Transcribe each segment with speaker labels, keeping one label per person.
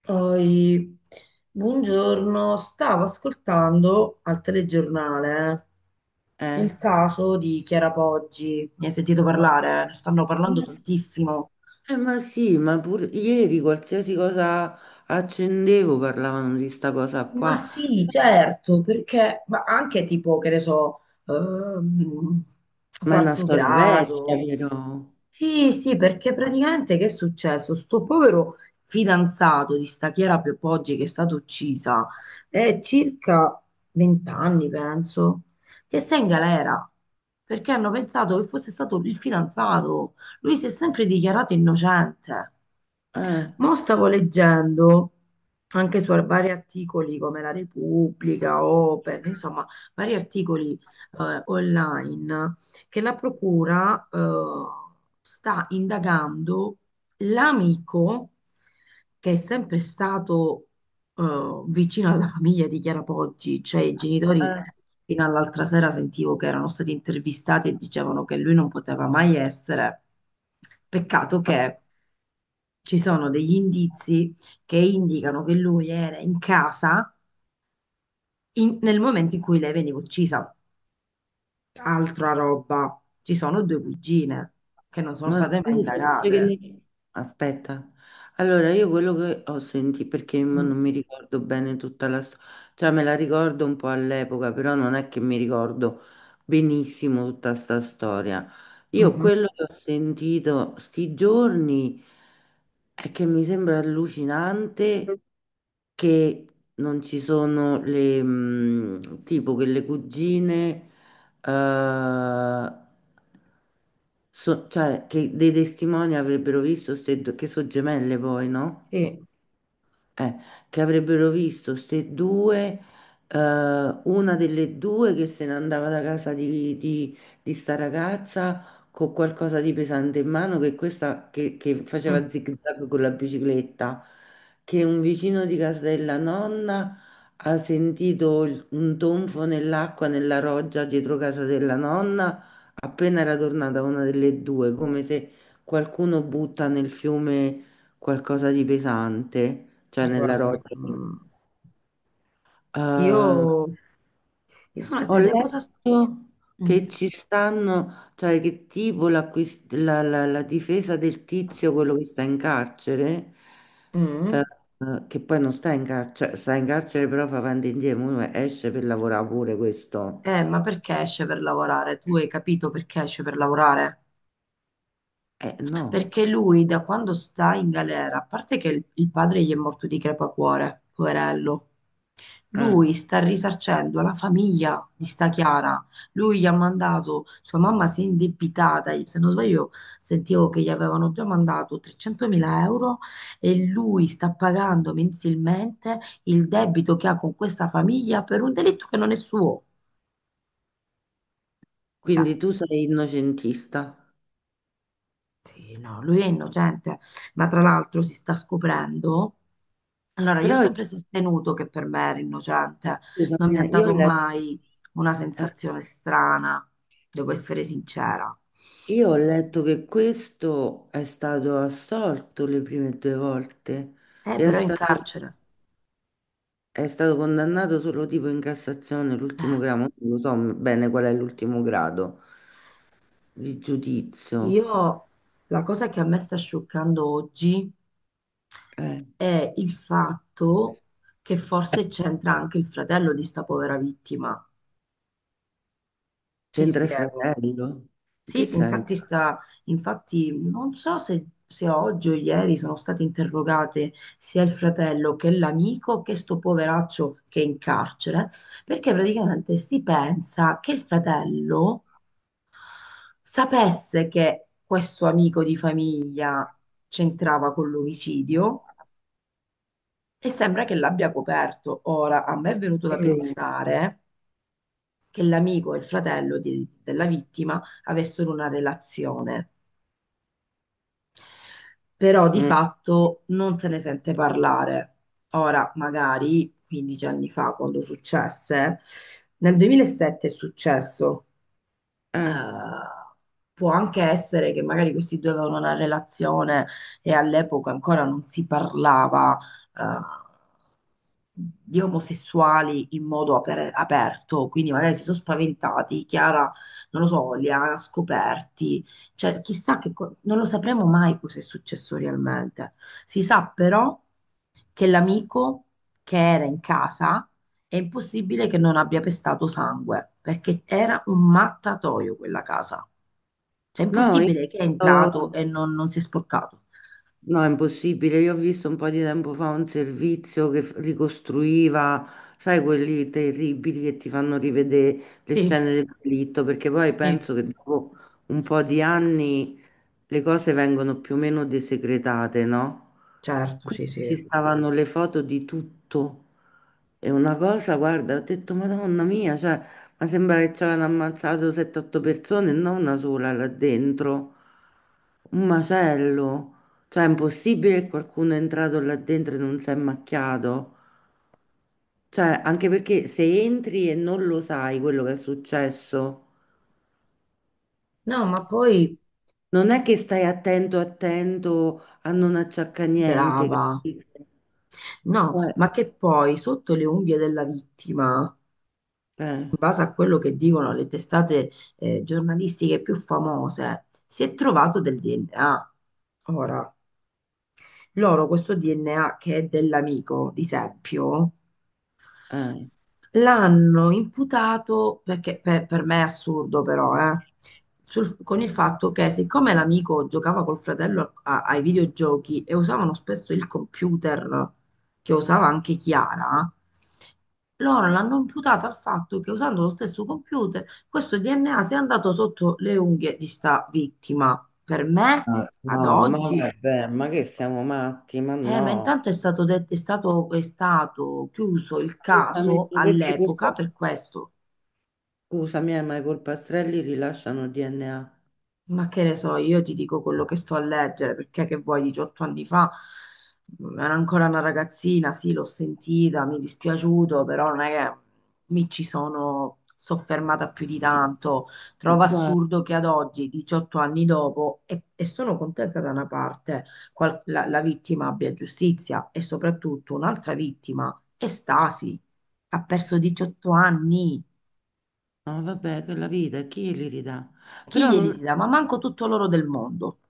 Speaker 1: Poi, buongiorno, stavo ascoltando al telegiornale
Speaker 2: Eh.
Speaker 1: il caso di Chiara Poggi. Ne hai sentito parlare? Ne stanno
Speaker 2: Ma,
Speaker 1: parlando
Speaker 2: s-
Speaker 1: tantissimo.
Speaker 2: ma sì, ma pur ieri qualsiasi cosa accendevo parlavano di sta cosa
Speaker 1: Ma
Speaker 2: qua,
Speaker 1: sì, certo, perché ma anche tipo, che ne so, ehm,
Speaker 2: ma è una
Speaker 1: quarto
Speaker 2: storia vecchia,
Speaker 1: grado.
Speaker 2: però.
Speaker 1: Sì, sì, perché praticamente che è successo? Sto povero fidanzato di sta Chiara Piopoggi che è stata uccisa, è circa 20 anni, penso, che sta in galera, perché hanno pensato che fosse stato il fidanzato. Lui si è sempre dichiarato innocente.
Speaker 2: Eh,
Speaker 1: Mo' stavo leggendo anche su vari articoli come La Repubblica, Open, insomma, vari articoli online, che la procura sta indagando l'amico che è sempre stato vicino alla famiglia di Chiara Poggi, cioè i genitori.
Speaker 2: eh,
Speaker 1: Fino all'altra sera sentivo che erano stati intervistati e dicevano che lui non poteva mai essere. Peccato che ci sono degli indizi che indicano che lui era in casa nel momento in cui lei veniva uccisa. Altra roba, ci sono due cugine che non sono
Speaker 2: ma
Speaker 1: state mai
Speaker 2: scusa,
Speaker 1: indagate.
Speaker 2: aspetta, allora io quello che ho sentito, perché mo
Speaker 1: Mm.
Speaker 2: non mi ricordo bene tutta la storia, cioè me la ricordo un po' all'epoca, però non è che mi ricordo benissimo tutta sta storia. Io
Speaker 1: Mhm.
Speaker 2: quello che ho sentito sti giorni... È che mi sembra allucinante che non ci sono le, tipo che le cugine, eh, cioè che dei testimoni avrebbero visto ste che sono gemelle poi, no?
Speaker 1: Sì.
Speaker 2: eh, che avrebbero visto ste due, una delle due che se ne andava da casa di sta ragazza con qualcosa di pesante in mano, che questa che
Speaker 1: Mm.
Speaker 2: faceva zig-zag con la bicicletta, che un vicino di casa della nonna ha sentito un tonfo nell'acqua nella roggia dietro casa della nonna appena era tornata una delle due, come se qualcuno butta nel fiume qualcosa di pesante cioè nella
Speaker 1: Guarda,
Speaker 2: roccia.
Speaker 1: mm.
Speaker 2: Eh,
Speaker 1: Io. Io sono
Speaker 2: ho
Speaker 1: sede cosa.
Speaker 2: letto
Speaker 1: Mm.
Speaker 2: che ci stanno, cioè che tipo la difesa del tizio, quello che sta in carcere, eh,
Speaker 1: Mm.
Speaker 2: che poi non sta in carcere, sta in carcere però fa avanti e indietro, mo esce per lavorare pure questo.
Speaker 1: Ma perché esce per lavorare? Tu hai capito perché esce per lavorare?
Speaker 2: Eh no,
Speaker 1: Perché lui da quando sta in galera, a parte che il padre gli è morto di crepacuore, poverello.
Speaker 2: eh.
Speaker 1: Lui sta risarcendo la famiglia di sta Chiara. Lui gli ha mandato, sua mamma si è indebitata, se non sbaglio sentivo che gli avevano già mandato 300.000 euro e lui sta pagando mensilmente il debito che ha con questa famiglia per un delitto che non è suo. Cioè,
Speaker 2: Quindi tu sei innocentista.
Speaker 1: sì, no, lui è innocente, ma tra l'altro si sta scoprendo. Allora, io ho
Speaker 2: Però
Speaker 1: sempre sostenuto che per me era innocente, non
Speaker 2: scusami,
Speaker 1: mi ha
Speaker 2: io ho
Speaker 1: dato
Speaker 2: letto...
Speaker 1: mai una
Speaker 2: Eh,
Speaker 1: sensazione strana, devo essere sincera.
Speaker 2: io ho letto che questo è stato assolto le prime due volte e è
Speaker 1: Però è in
Speaker 2: stato,
Speaker 1: carcere.
Speaker 2: è stato condannato solo tipo in Cassazione, l'ultimo
Speaker 1: Eh,
Speaker 2: grado, non lo so bene qual è l'ultimo grado di giudizio.
Speaker 1: io la cosa che a me sta scioccando oggi
Speaker 2: Eh,
Speaker 1: è il fatto che forse c'entra anche il fratello di sta povera vittima. Ti
Speaker 2: c'entra il
Speaker 1: spiego.
Speaker 2: fratello? In che
Speaker 1: Sì,
Speaker 2: senso?
Speaker 1: infatti non so se oggi o ieri sono state interrogate sia il fratello che l'amico che sto poveraccio che è in carcere, perché praticamente si pensa che il fratello sapesse che questo amico di famiglia c'entrava con l'omicidio e sembra che l'abbia coperto. Ora, a me è venuto da
Speaker 2: Eh,
Speaker 1: pensare che l'amico e il fratello della vittima avessero una relazione. Però di
Speaker 2: mm,
Speaker 1: fatto non se ne sente parlare. Ora, magari 15 anni fa, quando successe, nel 2007 è successo,
Speaker 2: eh.
Speaker 1: eh, può anche essere che magari questi due avevano una relazione e all'epoca ancora non si parlava, eh, di omosessuali in modo aperto, quindi magari si sono spaventati, Chiara, non lo so, li ha scoperti, cioè chissà non lo sapremo mai cosa è successo realmente. Si sa però che l'amico che era in casa è impossibile che non abbia pestato sangue, perché era un mattatoio quella casa. Cioè, è
Speaker 2: No,
Speaker 1: impossibile che è entrato
Speaker 2: io...
Speaker 1: e non si è sporcato.
Speaker 2: No, è impossibile. Io ho visto un po' di tempo fa un servizio che ricostruiva, sai, quelli terribili che ti fanno rivedere le
Speaker 1: Sì,
Speaker 2: scene del delitto, perché poi
Speaker 1: sì,
Speaker 2: penso che dopo un po' di anni le cose vengono più o meno desecretate, no?
Speaker 1: certo, sì,
Speaker 2: Quindi
Speaker 1: sì.
Speaker 2: ci stavano le foto di tutto. E una cosa, guarda, ho detto, Madonna mia, cioè, ma sembra che ci avevano ammazzato 7-8 persone, e non una sola là dentro. Un macello. Cioè, è impossibile che qualcuno è entrato là dentro e non si è macchiato. Cioè, anche perché se entri e non lo sai quello che è successo,
Speaker 1: No, ma poi,
Speaker 2: non è che stai attento, attento a non acciaccare niente,
Speaker 1: brava.
Speaker 2: capito?
Speaker 1: No,
Speaker 2: Eh,
Speaker 1: ma che poi sotto le unghie della vittima, in
Speaker 2: eh,
Speaker 1: base a quello che dicono le testate giornalistiche più famose, si è trovato del DNA. Ora, loro questo DNA che è dell'amico di Seppio
Speaker 2: eh.
Speaker 1: l'hanno imputato, perché per me è assurdo però, con il fatto che siccome l'amico giocava col fratello ai videogiochi e usavano spesso il computer che usava anche Chiara, loro l'hanno imputato al fatto che usando lo stesso computer questo DNA sia andato sotto le unghie di sta vittima. Per me,
Speaker 2: Ah,
Speaker 1: ad
Speaker 2: no, ma
Speaker 1: oggi,
Speaker 2: vabbè, ma che siamo matti? Ma
Speaker 1: ma
Speaker 2: no,
Speaker 1: intanto è stato detto, è stato chiuso il
Speaker 2: Scusami,
Speaker 1: caso
Speaker 2: perché
Speaker 1: all'epoca
Speaker 2: colpa...
Speaker 1: per questo.
Speaker 2: Scusami, ma i polpastrelli rilasciano DNA.
Speaker 1: Ma che ne so, io ti dico quello che sto a leggere, perché che vuoi, 18 anni fa era ancora una ragazzina. Sì, l'ho sentita, mi è dispiaciuto, però non è che mi ci sono soffermata più di tanto.
Speaker 2: Ma
Speaker 1: Trovo
Speaker 2: guarda,
Speaker 1: assurdo che ad oggi, 18 anni dopo, e sono contenta da una parte, la vittima abbia giustizia, e soprattutto un'altra vittima è Stasi, ha perso 18 anni.
Speaker 2: no, vabbè, che la vita, chi li ridà?
Speaker 1: Chi
Speaker 2: Però
Speaker 1: glieli
Speaker 2: non-
Speaker 1: dà? Ma manco tutto l'oro del mondo.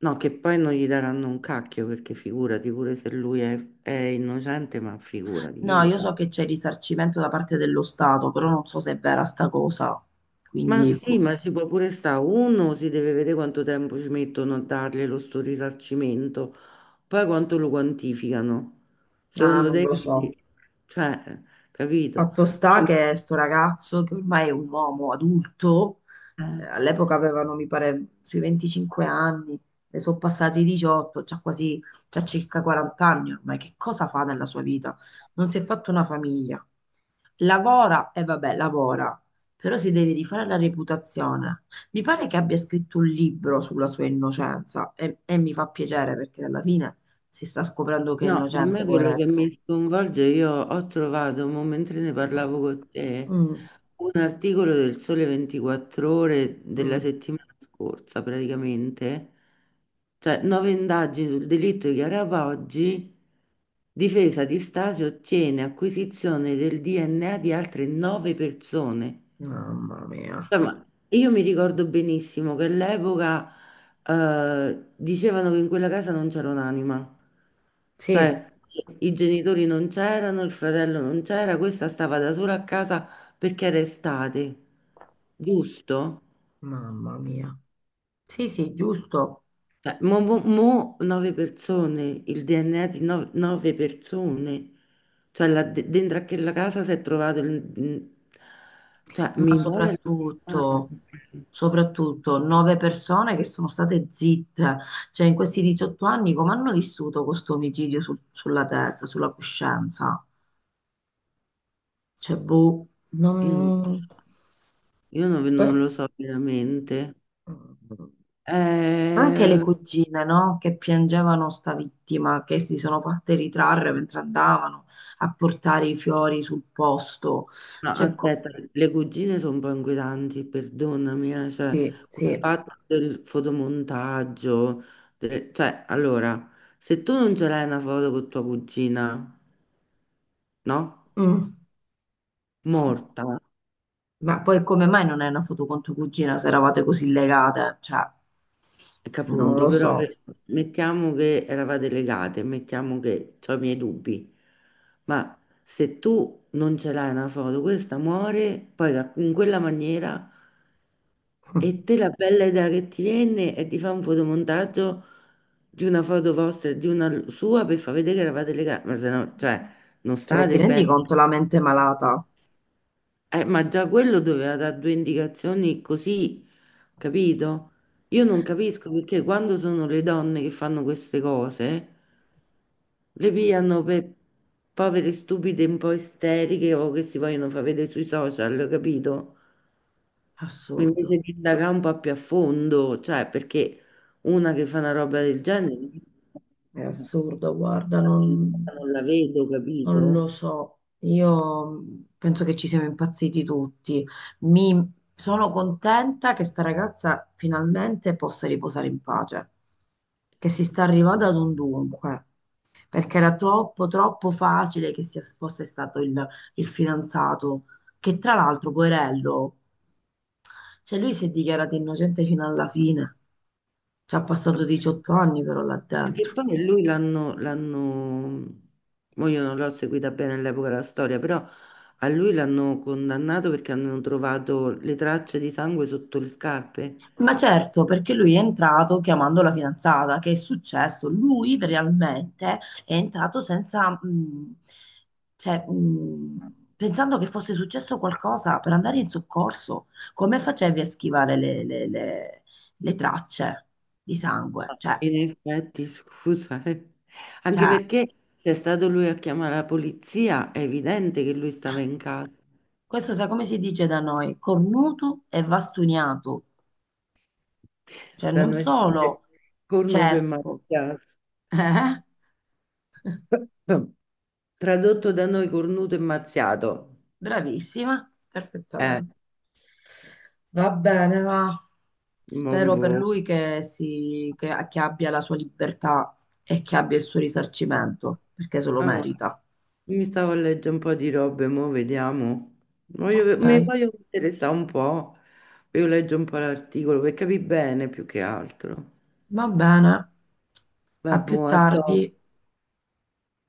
Speaker 2: no, che poi non gli daranno un cacchio, perché figurati, pure se è innocente, ma figurati, chi
Speaker 1: No,
Speaker 2: gli
Speaker 1: io
Speaker 2: dà?
Speaker 1: so che c'è risarcimento da parte dello Stato, però non so se è vera sta cosa,
Speaker 2: Ma
Speaker 1: quindi boh.
Speaker 2: sì, ma ci può pure stare. Uno si deve vedere quanto tempo ci mettono a dargli lo sto risarcimento, poi quanto lo quantificano.
Speaker 1: Ah,
Speaker 2: Secondo
Speaker 1: non
Speaker 2: te,
Speaker 1: lo so.
Speaker 2: cioè, capito?
Speaker 1: Fatto sta
Speaker 2: No,
Speaker 1: che sto ragazzo, che ormai è un uomo adulto,
Speaker 2: ma- eh.
Speaker 1: all'epoca avevano, mi pare, sui 25 anni, ne sono passati 18, c'ha circa 40 anni ormai, che cosa fa nella sua vita? Non si è fatto una famiglia. Lavora, e vabbè, lavora, però si deve rifare la reputazione. Mi pare che abbia scritto un libro sulla sua innocenza, e mi fa piacere perché alla fine si sta scoprendo che è
Speaker 2: No, ma a
Speaker 1: innocente,
Speaker 2: me quello che mi
Speaker 1: poveretto.
Speaker 2: sconvolge, io ho trovato, mo mentre ne parlavo con te,
Speaker 1: Mm.
Speaker 2: un articolo del Sole 24 Ore della
Speaker 1: Mm.
Speaker 2: settimana scorsa, praticamente, cioè nove indagini sul delitto di Chiara Poggi, difesa di Stasi ottiene acquisizione del DNA di altre nove persone.
Speaker 1: Mamma mia.
Speaker 2: Cioè, ma io mi ricordo benissimo che all'epoca dicevano che in quella casa non c'era un'anima,
Speaker 1: Sì,
Speaker 2: cioè i genitori non c'erano, il fratello non c'era, questa stava da sola a casa perché era estate, giusto?
Speaker 1: mamma mia. Sì, sì, giusto.
Speaker 2: Cioè, mo nove persone, il DNA di nove persone, cioè là dentro a quella casa si è trovato il... Cioè,
Speaker 1: Ma
Speaker 2: mi pare...
Speaker 1: soprattutto,
Speaker 2: allucinante.
Speaker 1: soprattutto nove persone che sono state zitte. Cioè, in questi 18 anni, come hanno vissuto questo omicidio sulla testa, sulla coscienza? Cioè, boh,
Speaker 2: Io non lo so.
Speaker 1: non.
Speaker 2: Io
Speaker 1: Beh.
Speaker 2: non lo so veramente.
Speaker 1: Anche le
Speaker 2: Eh,
Speaker 1: cugine, no? Che piangevano sta vittima, che si sono fatte ritrarre mentre andavano a portare i fiori sul posto.
Speaker 2: no,
Speaker 1: Cioè,
Speaker 2: aspetta, le cugine sono un po' inquietanti, perdonami, cioè,
Speaker 1: sì,
Speaker 2: quel
Speaker 1: sì.
Speaker 2: fatto del fotomontaggio, cioè, allora, se tu non ce l'hai una foto con tua cugina, no?
Speaker 1: Mm.
Speaker 2: Morta,
Speaker 1: Ma poi come mai non è una foto con tua cugina se eravate così legate? Cioè,
Speaker 2: che
Speaker 1: non
Speaker 2: appunto,
Speaker 1: lo so.
Speaker 2: mettiamo che eravate legate, mettiamo che ho i miei dubbi, ma se tu non ce l'hai una foto, questa muore, in quella maniera... E te la bella idea che ti viene è di fare un fotomontaggio di una foto vostra e di una sua per far vedere che eravate legati, ma se no, cioè, non
Speaker 1: Cioè, ti
Speaker 2: state bene.
Speaker 1: rendi conto la mente malata?
Speaker 2: Ma già quello doveva dare due indicazioni così, capito? Io non capisco perché quando sono le donne che fanno queste cose, le pigliano per povere stupide un po' isteriche o che si vogliono far vedere sui social, capito? Invece
Speaker 1: Assurdo.
Speaker 2: di indagare un po' più a fondo, cioè perché una che fa una roba del genere
Speaker 1: È assurdo, guarda, non,
Speaker 2: non la vedo,
Speaker 1: non lo
Speaker 2: capito?
Speaker 1: so. Io penso che ci siamo impazziti tutti. Mi sono contenta che sta ragazza finalmente possa riposare in pace, che si sta arrivando ad un dunque, perché era troppo, troppo facile che sia, fosse stato il fidanzato, che tra l'altro, poverello, cioè lui si è dichiarato innocente fino alla fine. Ci ha passato 18 anni però là
Speaker 2: Ma che
Speaker 1: dentro.
Speaker 2: poi l'hanno, mo io non l'ho seguita bene all'epoca la storia, però a lui l'hanno condannato perché hanno trovato le tracce di sangue sotto le scarpe.
Speaker 1: Ma certo, perché lui è entrato chiamando la fidanzata, che è successo? Lui realmente è entrato senza, cioè, pensando che fosse successo qualcosa per andare in soccorso. Come facevi a schivare le tracce di sangue? Cioè,
Speaker 2: In effetti, scusa, eh. Anche
Speaker 1: cioè,
Speaker 2: perché se è stato lui a chiamare la polizia, è evidente che lui stava in casa.
Speaker 1: questo sai come si dice da noi? Cornuto e vastuniato. Cioè,
Speaker 2: Da
Speaker 1: non
Speaker 2: noi si dice
Speaker 1: solo
Speaker 2: cornuto e
Speaker 1: cerco,
Speaker 2: mazziato.
Speaker 1: eh?
Speaker 2: Tradotto da noi cornuto e mazziato.
Speaker 1: Bravissima,
Speaker 2: Eh,
Speaker 1: perfettamente. Va bene, va.
Speaker 2: mon
Speaker 1: Spero per
Speaker 2: boh.
Speaker 1: lui che abbia la sua libertà e che abbia il suo risarcimento, perché se lo
Speaker 2: Ah,
Speaker 1: merita.
Speaker 2: mi stavo a leggere un po' di robe, mo vediamo. Mi
Speaker 1: Ok,
Speaker 2: voglio interessare un po'. Io leggo un po' l'articolo per capire bene più che altro.
Speaker 1: va bene. A
Speaker 2: Vabbè,
Speaker 1: più
Speaker 2: boh, a dopo.
Speaker 1: tardi.